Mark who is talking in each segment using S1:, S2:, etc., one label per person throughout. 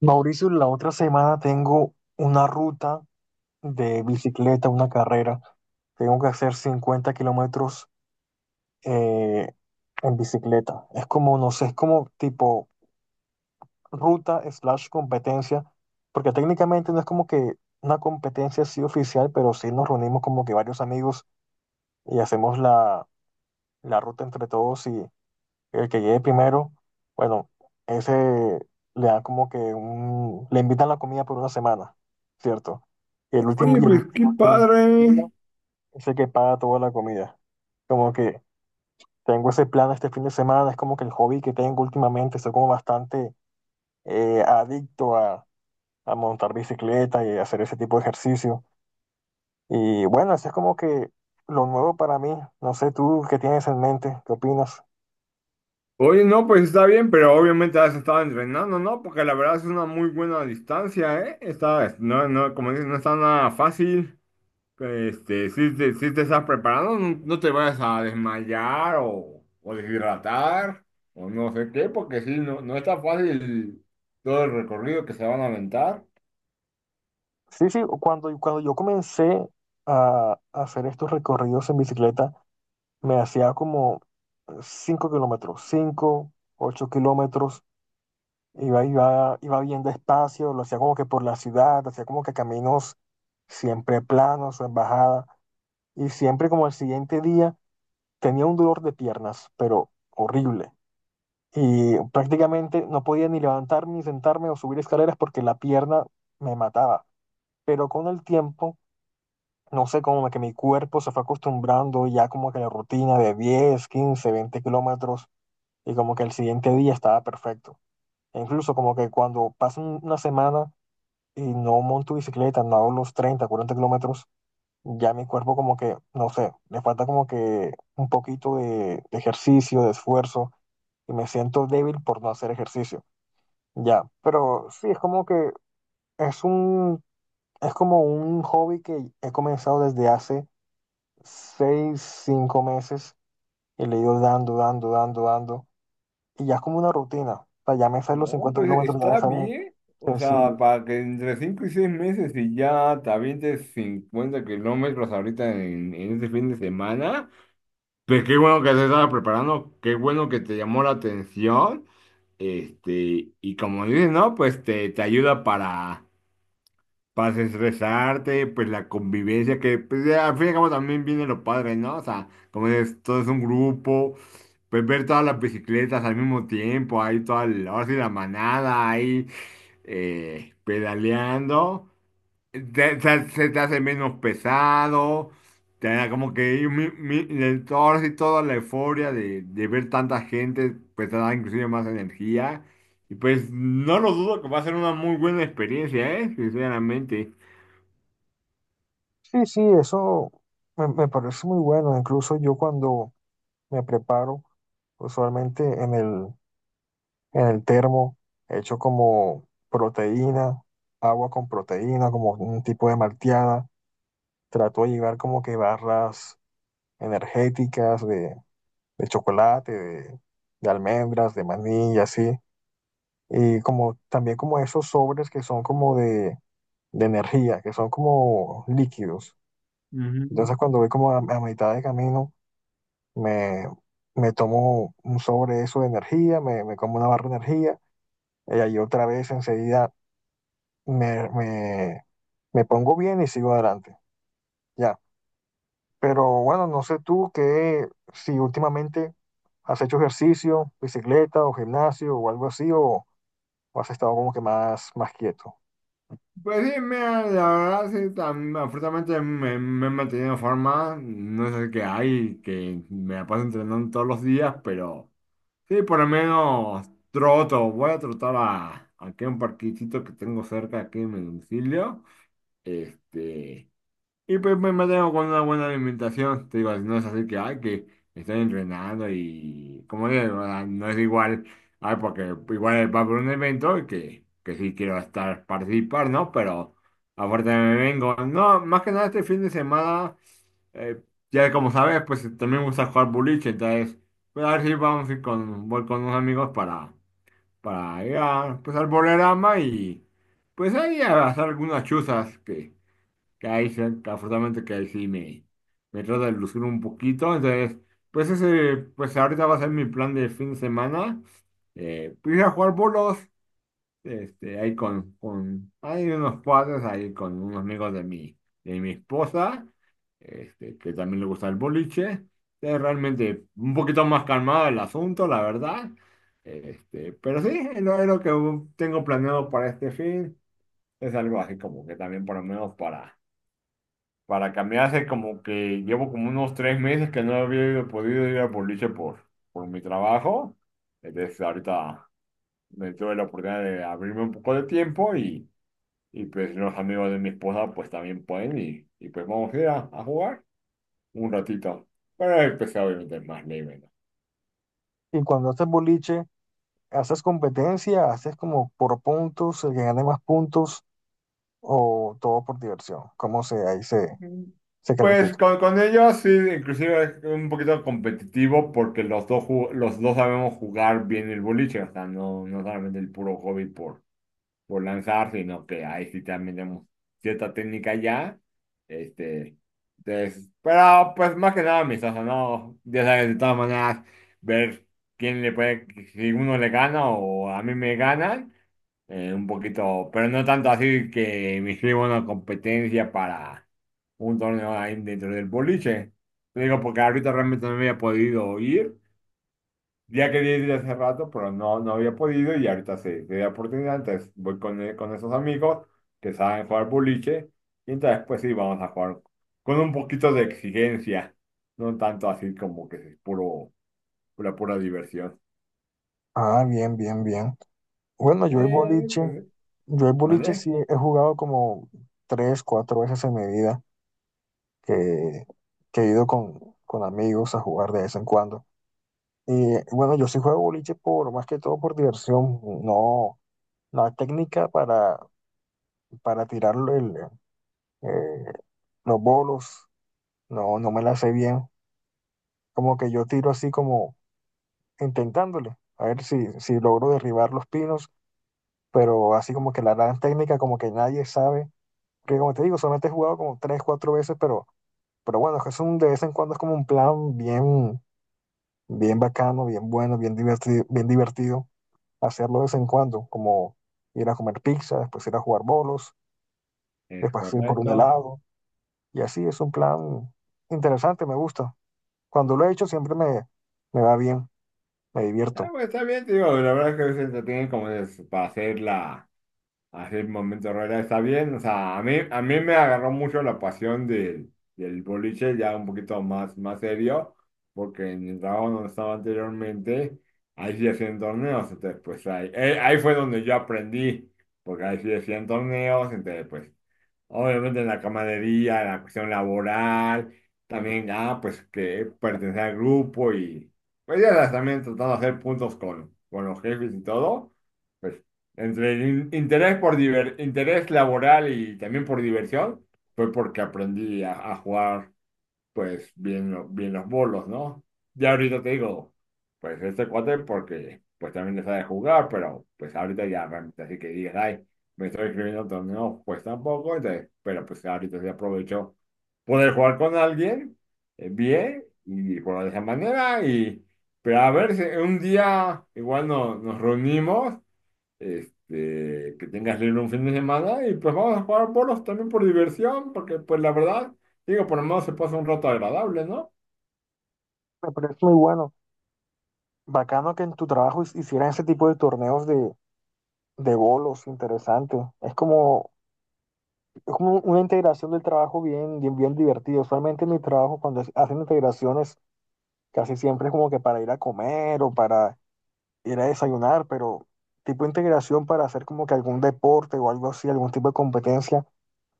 S1: Mauricio, la otra semana tengo una ruta de bicicleta, una carrera. Tengo que hacer 50 kilómetros eh, en bicicleta. Es como, no sé, es como tipo ruta slash competencia, porque técnicamente no es como que una competencia así oficial, pero sí nos reunimos como que varios amigos y hacemos la ruta entre todos el que llegue primero, bueno, ese le da como que un, le invitan la comida por una semana, ¿cierto?
S2: Oye, pues
S1: Y
S2: qué
S1: el último que llega
S2: padre.
S1: es el que paga toda la comida. Como que tengo ese plan este fin de semana, es como que el hobby que tengo últimamente, soy como bastante adicto a montar bicicleta y hacer ese tipo de ejercicio. Y bueno, eso es como que lo nuevo para mí. No sé tú qué tienes en mente, qué opinas.
S2: Oye, no, pues está bien, pero obviamente has estado entrenando, ¿no? Porque la verdad es una muy buena distancia, ¿eh? Está, no, no, como dices, no está nada fácil. Este, si te estás preparando, no, no te vayas a desmayar o deshidratar o no sé qué, porque sí, no, no está fácil todo el recorrido que se van a aventar.
S1: Sí, sí, cuando yo comencé a hacer estos recorridos en bicicleta, me hacía como 5 kilómetros, 5 8 kilómetros, iba bien despacio, lo hacía como que por la ciudad, hacía como que caminos siempre planos o en bajada, y siempre como al siguiente día tenía un dolor de piernas, pero horrible. Y prácticamente no podía ni levantarme, ni sentarme o subir escaleras porque la pierna me mataba. Pero con el tiempo no sé, como que mi cuerpo se fue acostumbrando ya como que a la rutina de 10 15 20 kilómetros y como que el siguiente día estaba perfecto. E incluso como que cuando pasa una semana y no monto bicicleta, no hago los 30 40 kilómetros, ya mi cuerpo como que, no sé, le falta como que un poquito de ejercicio, de esfuerzo y me siento débil por no hacer ejercicio. Ya, pero sí, es como que es un, es como un hobby que he comenzado desde hace seis, cinco meses y le he ido dando. Y ya es como una rutina. O sea, ya me salen los
S2: No,
S1: cincuenta
S2: pues
S1: kilómetros, ya me
S2: está
S1: salen
S2: bien. O sea,
S1: sencillos.
S2: para que entre 5 y 6 meses y ya te avientes 50 kilómetros ahorita en este fin de semana, pues qué bueno que te estabas preparando, qué bueno que te llamó la atención. Este, y como dices, ¿no? Pues te ayuda para desestresarte, pues la convivencia, que pues, ya, al fin y al cabo también viene lo padre, ¿no? O sea, como dices, todo es un grupo, pues ver todas las bicicletas al mismo tiempo, ahí toda, el- ahora sí la manada, ahí pedaleando, te- se te hace menos pesado, te da como que un mi- mi- el torso y toda la euforia de ver tanta gente, pues te da inclusive más energía. Y pues no lo dudo que va a ser una muy buena experiencia, ¿eh? Sinceramente.
S1: Sí, sí, me parece muy bueno. Incluso yo cuando me preparo, usualmente en en el termo, hecho como proteína, agua con proteína, como un tipo de malteada. Trato de llevar como que barras energéticas de chocolate, de almendras, de maní y así y como también como esos sobres que son como de energía, que son como líquidos.
S2: Ujú.
S1: Entonces cuando voy como a mitad de camino, me, me tomo un sobre eso de energía, me como una barra de energía y ahí otra vez enseguida me, me, me pongo bien y sigo adelante. Ya. Pero bueno, no sé tú qué, si últimamente has hecho ejercicio, bicicleta o gimnasio o algo así, o has estado como que más, más quieto.
S2: Pues sí, mira, la verdad, sí, tam- afortunadamente me he mantenido en forma, no es el que hay, que me la paso entrenando todos los días, pero sí, por lo menos troto, voy a trotar a, aquí a un parquecito que tengo cerca aquí en mi domicilio, este, y pues me mantengo con una buena alimentación. Te digo, no es así que, ay, que estoy entrenando y, como digo, o sea, no es igual, ay, porque igual va por un evento y que sí quiero estar, participar, ¿no? Pero a fuerte me vengo. No, más que nada este fin de semana, eh, ya como sabes, pues también me gusta jugar boliche, entonces, pues a ver si vamos a ir con, voy con unos amigos para ir a, pues, al bolerama y, pues ahí a hacer algunas chuzas que ahí, se- afortunadamente que ahí sí me trata de lucir un poquito. Entonces, pues ese, pues ahorita va a ser mi plan de fin de semana. Pues ir a jugar bolos, este, ahí con, hay unos padres ahí con unos amigos de mi esposa, este, que también le gusta el boliche. Es realmente un poquito más calmado el asunto, la verdad. Este, pero sí, es lo que tengo planeado para este fin. Es algo así como que también por lo menos para cambiar hace como que llevo como unos tres meses que no había ido- podido ir al boliche por mi trabajo. Entonces ahorita me tuve la oportunidad de abrirme un poco de tiempo y pues los amigos de mi esposa pues también pueden y pues vamos a ir a jugar un ratito. Pero empecé obviamente más leve, ¿no?
S1: Y cuando haces boliche, ¿haces competencia? ¿Haces como por puntos, el que gane más puntos o todo por diversión? ¿Cómo se, ahí se,
S2: Mm.
S1: se
S2: Pues
S1: califica?
S2: con ellos sí, inclusive es un poquito competitivo porque los dos, ju- los dos sabemos jugar bien el boliche, o sea, no, no solamente el puro hobby por lanzar, sino que ahí sí también tenemos cierta técnica ya. Este, entonces, pero pues más que nada amistoso, ¿no? Ya sabes, de todas maneras, ver quién le puede, si uno le gana o a mí me ganan, un poquito, pero no tanto así que me inscribo a una competencia para un torneo ahí dentro del boliche. Te digo, porque ahorita realmente no me había podido ir. Ya quería ir hace rato, pero no, no había podido y ahorita sí, se da oportunidad, entonces voy con esos amigos que saben jugar boliche y entonces pues sí, vamos a jugar con un poquito de exigencia, no tanto así como que es puro, pura diversión.
S1: Ah, bien, bien, bien. Bueno,
S2: Pues,
S1: yo el boliche
S2: ¿vale?
S1: sí he jugado como tres, cuatro veces en mi vida, que, que he ido con amigos a jugar de vez en cuando. Y bueno, yo sí juego boliche por, más que todo por diversión, no, la técnica para tirar el, eh, los bolos, no, no me la sé bien como que yo tiro así como intentándole, a ver si, si logro derribar los pinos, pero así como que la gran técnica como que nadie sabe, porque como te digo, solamente he jugado como tres, cuatro veces, pero bueno, es un, de vez en cuando es como un plan bien, bien bacano, bien bueno, bien divertido hacerlo de vez en cuando, como ir a comer pizza, después ir a jugar bolos,
S2: Es
S1: después ir por un
S2: correcto.
S1: helado, y así es un plan interesante, me gusta. Cuando lo he hecho siempre me va bien, me
S2: Ah,
S1: divierto.
S2: pues, está bien, te digo, la verdad es que se entretienen como es para hacer la. Así el momento Herrera está bien. O sea, a mí me agarró mucho la pasión del boliche, ya un poquito más, más serio, porque en el trabajo donde estaba anteriormente, ahí sí hacían torneos. Entonces, pues ahí, ahí fue donde yo aprendí, porque ahí sí hacían torneos. Entonces, pues obviamente en la camaradería, en la cuestión laboral, también ya, pues que pertenecer al grupo y pues ya las también tratando de hacer puntos con los jefes y todo, pues entre el in- interés por diver- interés laboral y también por diversión, fue porque aprendí a jugar pues bien, lo- bien los bolos, ¿no? Ya ahorita te digo, pues este cuate porque pues también le sabe jugar, pero pues ahorita ya realmente así que digas, ay, me estoy escribiendo torneos, pues tampoco, entonces, pero pues ahorita sí aprovecho poder jugar con alguien bien y jugar de esa manera pero a ver si un día igual no, nos reunimos este, que tengas libre un fin de semana y pues vamos a jugar bolos también por diversión, porque pues la verdad, digo, por lo menos se pasa un rato agradable, ¿no?
S1: Me parece muy bueno. Bacano que en tu trabajo hicieran ese tipo de torneos de bolos, interesante. Es como una integración del trabajo bien, bien, bien divertido. Usualmente en mi trabajo, cuando hacen integraciones, casi siempre es como que para ir a comer o para ir a desayunar, pero tipo de integración para hacer como que algún deporte o algo así, algún tipo de competencia,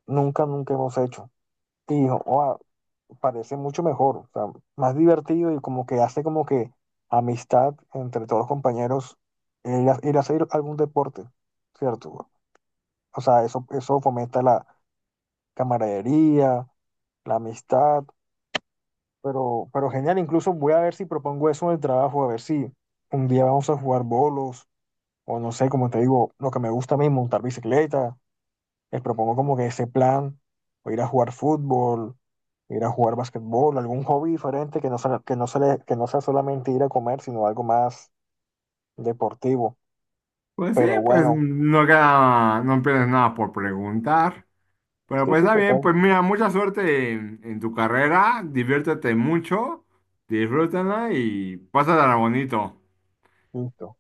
S1: nunca, nunca hemos hecho. Y, oh, parece mucho mejor, o sea, más divertido y como que hace como que amistad entre todos los compañeros el hacer algún deporte, ¿cierto? O sea, eso fomenta la camaradería, la amistad, pero genial, incluso voy a ver si propongo eso en el trabajo, a ver si un día vamos a jugar bolos o no sé, como te digo, lo que me gusta a mí, montar bicicleta les propongo como que ese plan, o ir a jugar fútbol, ir a jugar basquetbol, algún hobby diferente que no sea, que que no sea solamente ir a comer, sino algo más deportivo.
S2: Pues sí,
S1: Pero
S2: pues
S1: bueno,
S2: no queda, no pierdes nada por preguntar. Pero
S1: sí,
S2: pues
S1: sí,
S2: está bien,
S1: total.
S2: pues mira, mucha suerte en tu carrera, diviértete mucho, disfrútala y pásala bonito.
S1: Listo.